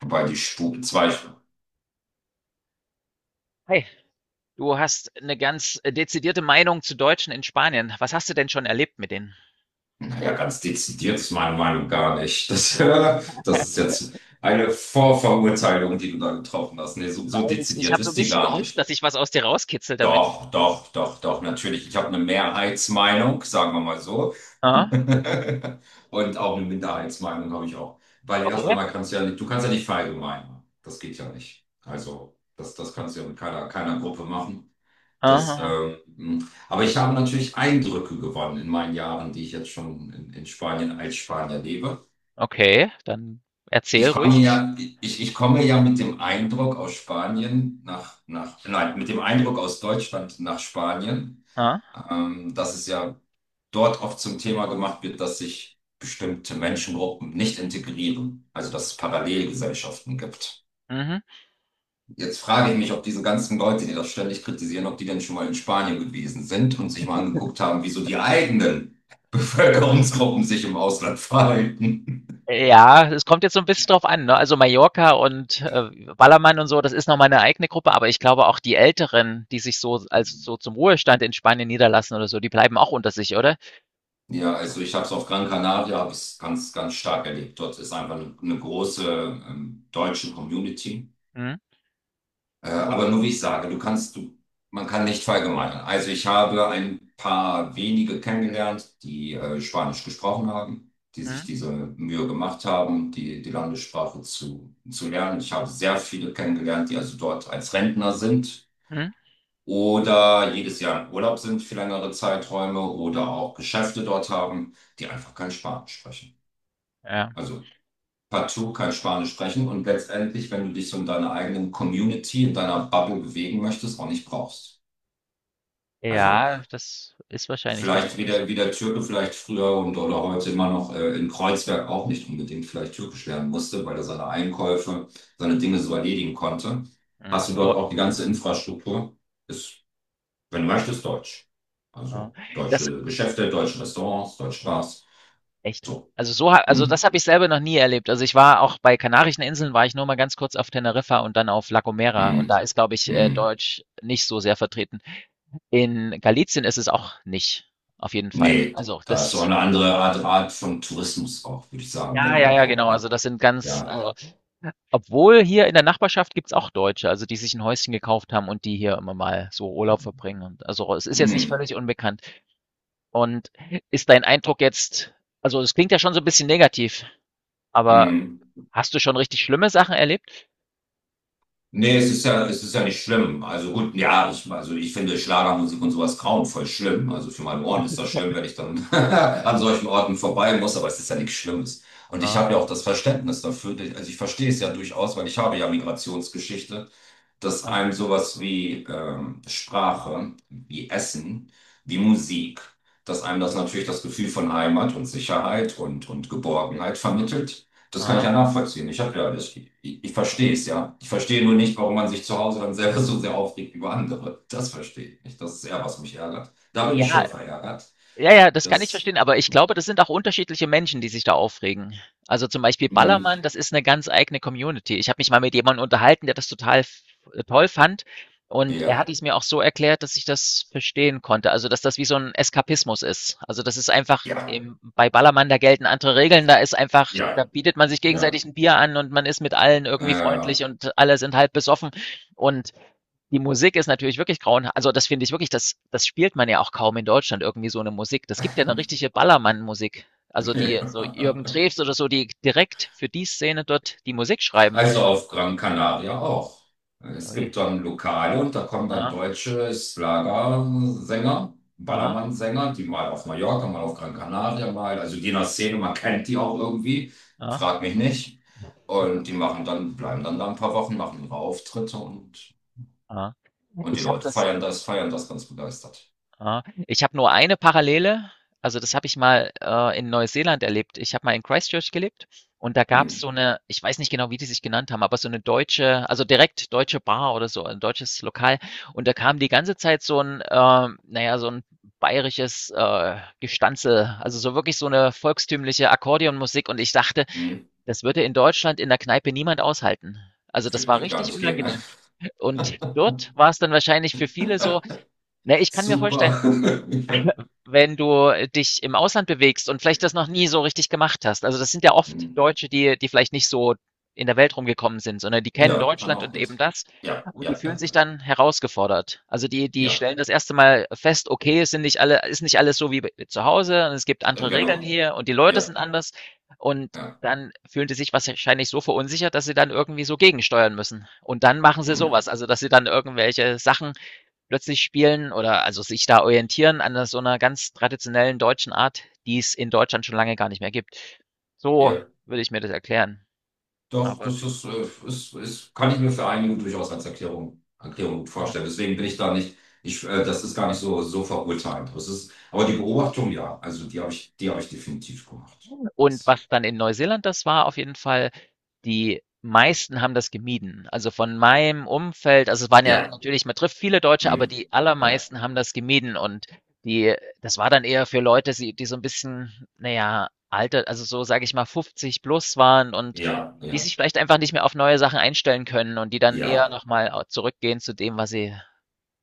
Wobei die Stufe 2, Hi, du hast eine ganz dezidierte Meinung zu Deutschen in Spanien. Was hast du denn schon erlebt mit denen? naja, ganz dezidiert ist meine Meinung gar nicht. Das, das ist Nein, jetzt eine Vorverurteilung, die du da getroffen hast. Nee, so ich dezidiert habe so ein ist die bisschen gar gehofft, nicht. dass ich was aus dir rauskitzel damit. Doch, doch, doch, doch, natürlich. Ich habe eine Mehrheitsmeinung, sagen wir mal so. Aha. Und auch eine Minderheitsmeinung habe ich auch. Weil erst Okay. einmal kannst du ja nicht, du kannst ja nicht verallgemeinern. Das geht ja nicht. Also, das kannst du ja mit keiner Gruppe machen. Aha. Aber ich habe natürlich Eindrücke gewonnen in meinen Jahren, die ich jetzt schon in Spanien als Spanier lebe. Okay, dann erzähl Ich komme ruhig. ja, ich komme ja mit dem Eindruck aus Spanien nach, nach, nein, mit dem Eindruck aus Deutschland nach Spanien, Aha. Dass es ja dort oft zum Thema gemacht wird, dass sich bestimmte Menschengruppen nicht integrieren, also dass es Parallelgesellschaften gibt. Mhm. Jetzt frage ich mich, ob diese ganzen Leute, die das ständig kritisieren, ob die denn schon mal in Spanien gewesen sind und sich mal angeguckt haben, wie so die eigenen Bevölkerungsgruppen sich im Ausland verhalten. Ja, es kommt jetzt so ein bisschen drauf an, ne? Also, Mallorca und, Ballermann und so, das ist noch meine eigene Gruppe, aber ich glaube auch die Älteren, die sich so also, so zum Ruhestand in Spanien niederlassen oder so, die bleiben auch unter sich, oder? Ja, also ich habe es auf Gran Canaria, habe es ganz, ganz stark erlebt. Dort ist einfach eine große deutsche Community. Mhm. Und Aber nur wie ich sage, man kann nicht verallgemeinern. Also ich habe ein paar wenige kennengelernt, die Spanisch gesprochen haben, die sich mhm, diese Mühe gemacht haben, die Landessprache zu lernen. Ich habe sehr viele kennengelernt, die also dort als Rentner sind mhm, oder jedes Jahr im Urlaub sind für längere Zeiträume oder auch Geschäfte dort haben, die einfach kein Spanisch sprechen. ja. Also partout kein Spanisch sprechen und letztendlich, wenn du dich so in deiner eigenen Community, in deiner Bubble bewegen möchtest, auch nicht brauchst. Also Ja, das ist wahrscheinlich dann vielleicht wie wirklich so. der, wie der Türke vielleicht früher und oder heute immer noch in Kreuzberg auch nicht unbedingt vielleicht türkisch lernen musste, weil er seine Einkäufe, seine Dinge so erledigen konnte. Mhm. Hast du Deu dort auch die ganze Infrastruktur? Ist, wenn du möchtest, Deutsch. ja. Also Das deutsche Geschäfte, deutsche Restaurants, deutsche Bars. echt? So. Also, so ha also, Mm, das habe ich selber noch nie erlebt. Also, ich war auch bei Kanarischen Inseln war ich nur mal ganz kurz auf Teneriffa und dann auf La Gomera und da mm, ist, glaube ich, mm. Deutsch nicht so sehr vertreten. In Galizien ist es auch nicht, auf jeden Fall. Nee, Also, da ist so das eine andere Art von Tourismus auch, würde ich sagen, ja, wenn ja, ja, überhaupt, genau. ne? Also, das sind ganz Ja. also, obwohl hier in der Nachbarschaft gibt's auch Deutsche, also, die sich ein Häuschen gekauft haben und die hier immer mal so Urlaub verbringen und also, es ist jetzt nicht Hm, völlig unbekannt. Und ist dein Eindruck jetzt also, es klingt ja schon so ein bisschen negativ, aber hm. hast du schon richtig schlimme Sachen erlebt? Nee, es ist ja nicht schlimm. Also gut, ja, also ich finde Schlagermusik und sowas grauenvoll schlimm. Also für meine Ohren ist das schlimm, wenn ich dann an solchen Orten vorbei muss, aber es ist ja nichts Schlimmes. Und ich Mhm, habe ja auch das Verständnis dafür. Also ich verstehe es ja durchaus, weil ich habe ja Migrationsgeschichte, dass mhm, einem sowas wie Sprache, wie Essen, wie Musik, dass einem das natürlich das Gefühl von Heimat und Sicherheit und Geborgenheit vermittelt. Das kann ich mhm. ja nachvollziehen. Ich habe ja, ich verstehe es ja. Ich verstehe nur nicht, warum man sich zu Hause dann selber so sehr aufregt über andere. Das verstehe ich nicht. Das ist eher, was mich ärgert. Da bin ich schon Ja, verärgert. ja, ja, das kann ich Das, verstehen, aber ich glaube, das sind auch unterschiedliche Menschen, die sich da aufregen. Also zum Beispiel mh, Ballermann, das ist eine ganz eigene Community. Ich habe mich mal mit jemandem unterhalten, der das total f toll fand und er ja, hat es mir auch so erklärt, dass ich das verstehen konnte, also dass das wie so ein Eskapismus ist. Also, das ist einfach ja, im bei Ballermann, da gelten andere Regeln, da ist einfach da ja, bietet man sich ja, gegenseitig ein Bier an und man ist mit allen irgendwie äh, freundlich und alle sind halb besoffen und die Musik ist natürlich wirklich grauenha also, das finde ich wirklich, das spielt man ja auch kaum in Deutschland irgendwie so eine Musik. Das gibt ja eine richtige Ballermann-Musik. Also, die so ja. Jürgen Drews oder so, die direkt für die Szene dort die Musik schreiben. Also auf Gran Canaria auch. Es Ui. gibt dann Lokale und da kommen dann Aha, deutsche Schlagersänger, aha, Ballermannsänger, die mal auf Mallorca, mal auf Gran Canaria, mal, also die in der Szene, man kennt die auch irgendwie, aha, frag mich nicht. Und die machen dann, bleiben dann da ein paar Wochen, machen ihre Auftritte und, aha. und die Ich habe Leute das feiern das ganz begeistert. Ah, ich habe nur eine Parallele. Also, das habe ich mal, in Neuseeland erlebt. Ich habe mal in Christchurch gelebt und da gab Hm, es so eine, ich weiß nicht genau, wie die sich genannt haben, aber so eine deutsche also, direkt deutsche Bar oder so, ein deutsches Lokal. Und da kam die ganze Zeit so ein, na ja, so ein bayerisches, Gestanzel, also, so wirklich so eine volkstümliche Akkordeonmusik und ich dachte, hm, das würde in Deutschland in der Kneipe niemand aushalten. Also, das wird, war wird gar richtig nicht gehen, ne? unangenehm. Und dort war es dann wahrscheinlich für viele so ne, ich kann mir Super. vorstellen wenn du dich im Ausland bewegst und vielleicht das noch nie so richtig gemacht hast. Also das sind ja oft Hm. Deutsche, die, die vielleicht nicht so in der Welt rumgekommen sind, sondern die kennen Ja, kann Deutschland auch und eben gut. das Ja, und ja, die fühlen ja, sich ja, dann herausgefordert. Also die, die ja, stellen das erste Mal fest, okay, es sind nicht alle, ist nicht alles so wie bei- zu Hause und es gibt andere Regeln genau. hier und die Leute Ja. sind anders und Ja. dann fühlen die sich wahrscheinlich so verunsichert, dass sie dann irgendwie so gegensteuern müssen. Und dann machen sie Hm. sowas, also dass sie dann irgendwelche Sachen plötzlich spielen oder also sich da orientieren an so einer ganz traditionellen deutschen Art, die es in Deutschland schon lange gar nicht mehr gibt. So Ja. würde ich mir das erklären, Doch, aber das ist, ist, ist, kann ich mir für einige durchaus als Erklärung gut ja. vorstellen. Deswegen bin ich da nicht, das ist gar nicht so verurteilend. Aber die Beobachtung, ja, also die habe ich definitiv gemacht. Und Das, was dann in Neuseeland das war, auf jeden Fall, die meisten haben das gemieden. Also von meinem Umfeld, also es waren ja ja, natürlich, man trifft viele Deutsche, aber hm. die Ja, allermeisten haben das gemieden und die, das war dann eher für Leute, die, die so ein bisschen, naja, alter, also so sage ich mal 50 plus waren und ja, die sich ja, vielleicht einfach nicht mehr auf neue Sachen einstellen können und die dann eher ja, nochmal zurückgehen zu dem, was sie,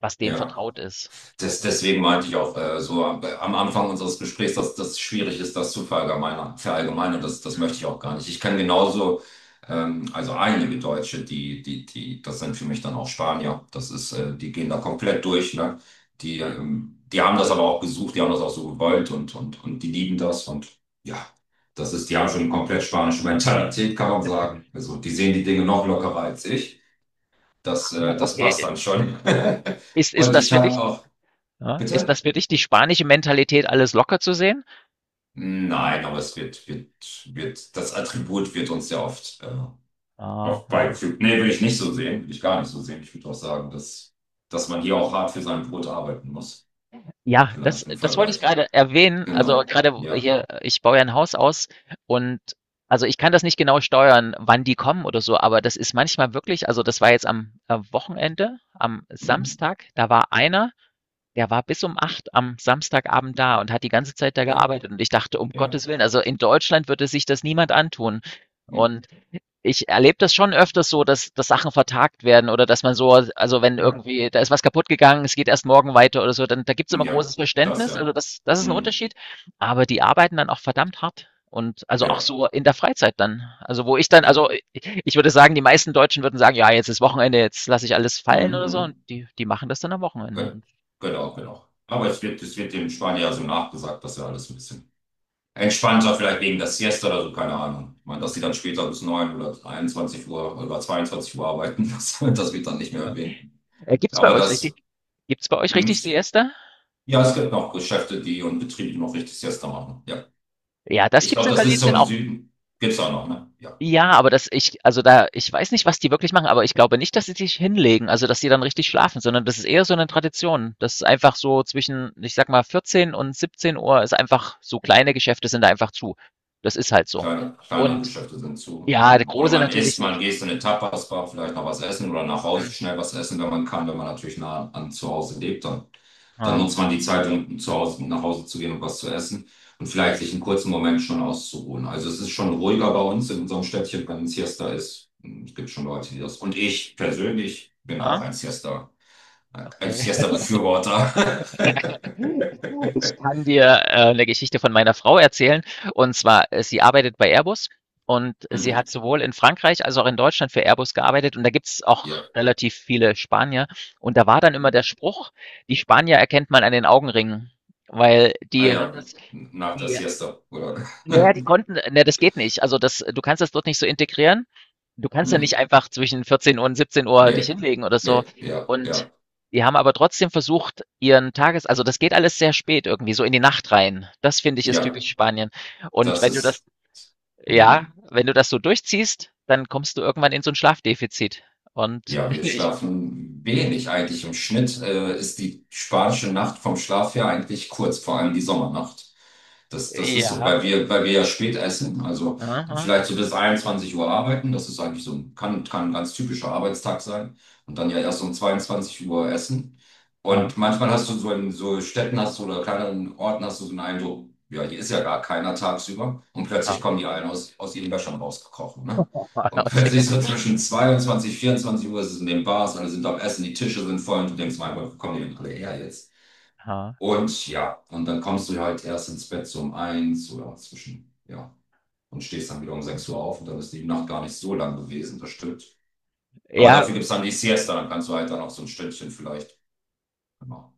was denen ja. vertraut ist. Ja. Deswegen meinte ich auch so am Anfang unseres Gesprächs, dass das schwierig ist, das zu verallgemeinern. Verallgemeinern, Mhm, das mhm, möchte ich auch gar nicht. Ich kann genauso, also einige Deutsche, das sind für mich dann auch Spanier. Die gehen da komplett durch, ne? Die, mhm. ähm, die haben das aber auch gesucht, die haben das auch so gewollt und die lieben das und ja, die haben schon eine komplett spanische Mentalität, kann man sagen. Also die sehen die Dinge noch lockerer als ich. Das, Ah, äh, das passt okay, dann schon. ist Und das ich für habe dich auch, Ja, ist bitte? das für dich die spanische Mentalität, alles locker zu sehen? Nein, aber es wird, wird, wird, das Attribut wird uns ja oft Aha. beigefügt. Nee, will ich nicht so sehen, will ich gar nicht so sehen. Ich würde auch sagen, dass man hier auch hart für sein Brot arbeiten muss. Ja, das, Vielleicht im das wollte ich Vergleich. gerade erwähnen. Also Genau. gerade Ja. hier, ich baue ja ein Haus aus und also ich kann das nicht genau steuern, wann die kommen oder so, aber das ist manchmal wirklich, also das war jetzt am Wochenende, am Mhm. Samstag, da war einer, der war bis um 8 am Samstagabend da und hat die ganze Zeit da Ja. gearbeitet. Und ich dachte, um Ja. Gottes Willen, also in Deutschland würde sich das niemand antun. Mhm. Und ich erlebe das schon öfters so, dass, dass Sachen vertagt werden oder dass man so, also wenn Ja. irgendwie, da ist was kaputt gegangen, es geht erst morgen weiter oder so, dann da gibt's immer Ja. großes Das Verständnis. Also ja. das, das ist ein Mhm. Unterschied. Aber die arbeiten dann auch verdammt hart. Und also auch Ja. so in der Freizeit dann. Also wo ich dann, also Ja. ich würde sagen, die meisten Deutschen würden sagen, ja, jetzt ist Wochenende, jetzt lasse ich alles Mhm. fallen oder so. Und Mhm. die, die machen das dann am Wochenende. Ge- Und, Genau, genau. Aber es wird dem Spanier ja so nachgesagt, dass er alles ein bisschen entspannter, vielleicht wegen der Siesta oder so, keine Ahnung. Ich meine, dass die äh, dann später bis 9 oder 21 Uhr oder 22 Uhr arbeiten, das wird dann nicht mehr äh, erwähnt. Gibt's bei Aber euch richtig, gibt's bei euch hm, richtig Siesta? ja, es gibt noch Geschäfte, die und Betriebe, die noch richtig Siesta machen. Ja. Ja, das Ich gibt's glaube, in das ist Galicien zum auch. Süden. Gibt's auch noch, ne? Ja. Ja, aber das ich also da ich weiß nicht, was die wirklich machen, aber ich glaube nicht, dass sie sich hinlegen, also dass sie dann richtig schlafen, sondern das ist eher so 'ne Tradition. Das ist einfach so zwischen, ich sage mal, 14 und 17 Uhr ist einfach so kleine Geschäfte sind da einfach zu. Das ist halt so. Kleinere Und Geschäfte sind zu. ja, der Oder große man natürlich isst, man nicht. geht in eine Tapas-Bar, vielleicht noch was essen oder nach Mhm. Hause schnell was essen, wenn man kann, wenn man natürlich nah an zu Hause lebt, dann. Dann Ja. nutzt man die Zeit, um nach Hause zu gehen und was zu essen und vielleicht sich einen kurzen Moment schon auszuruhen. Also es ist schon ruhiger bei uns in unserem Städtchen, wenn ein Siesta ist. Es gibt schon Leute, die das. Und ich persönlich bin auch Aha, ein okay. Siesta-Befürworter. Ich kann dir, 'ne Geschichte von meiner Frau erzählen. Und zwar, sie arbeitet bei Airbus und sie hat Mhm. sowohl in Frankreich als auch in Deutschland für Airbus gearbeitet und da gibt's Ja. auch relativ viele Spanier. Und da war dann immer der Spruch: „Die Spanier erkennt man an den Augenringen“, weil Ah die haben ja, das nach der die Siesta, oder? na ja, die konnten ne, das geht nicht. Also, das du kannst das dort nicht so integrieren. Du kannst ja nicht Mhm. einfach zwischen 14 Uhr und 17 Uhr dich Nee, hinlegen oder so. nee, ja, Und ja, die haben aber trotzdem versucht, ihren Tages also, das geht alles sehr spät irgendwie, so in die Nacht rein. Das finde ich ist ja. typisch Spanien. Und Das wenn du das ist. Mhm. ja, wenn du das so durchziehst, dann kommst du irgendwann in so ein Schlafdefizit. Und Ja, wir ich schlafen wenig eigentlich. Im Schnitt ist die spanische Nacht vom Schlaf her eigentlich kurz, vor allem die Sommernacht. Das ist so, ja. weil wir ja spät essen, also Mhm. vielleicht so bis 21 Uhr arbeiten. Das ist eigentlich so, kann ein ganz typischer Arbeitstag sein. Und dann ja erst um 22 Uhr essen. Mhm. Und manchmal hast du so in so Städten hast du oder kleineren Orten hast du so einen Eindruck, ja, hier ist ja gar keiner tagsüber. Und plötzlich kommen Mhm. die allen aus ihren Wäschern rausgekrochen. Ne? Und plötzlich so zwischen 22, 24 Uhr ist es in den Bars, alle sind am Essen, die Tische sind voll und du denkst, mein Gott, wo kommen die denn alle her jetzt? Und ja, und dann kommst du halt erst ins Bett so um eins oder zwischen, ja, und stehst dann wieder um 6 Uhr auf und dann ist die Nacht gar nicht so lang gewesen, das stimmt. Aber Ja. dafür gibt es dann die Siesta, dann kannst du halt dann auch so ein Stündchen vielleicht. Genau.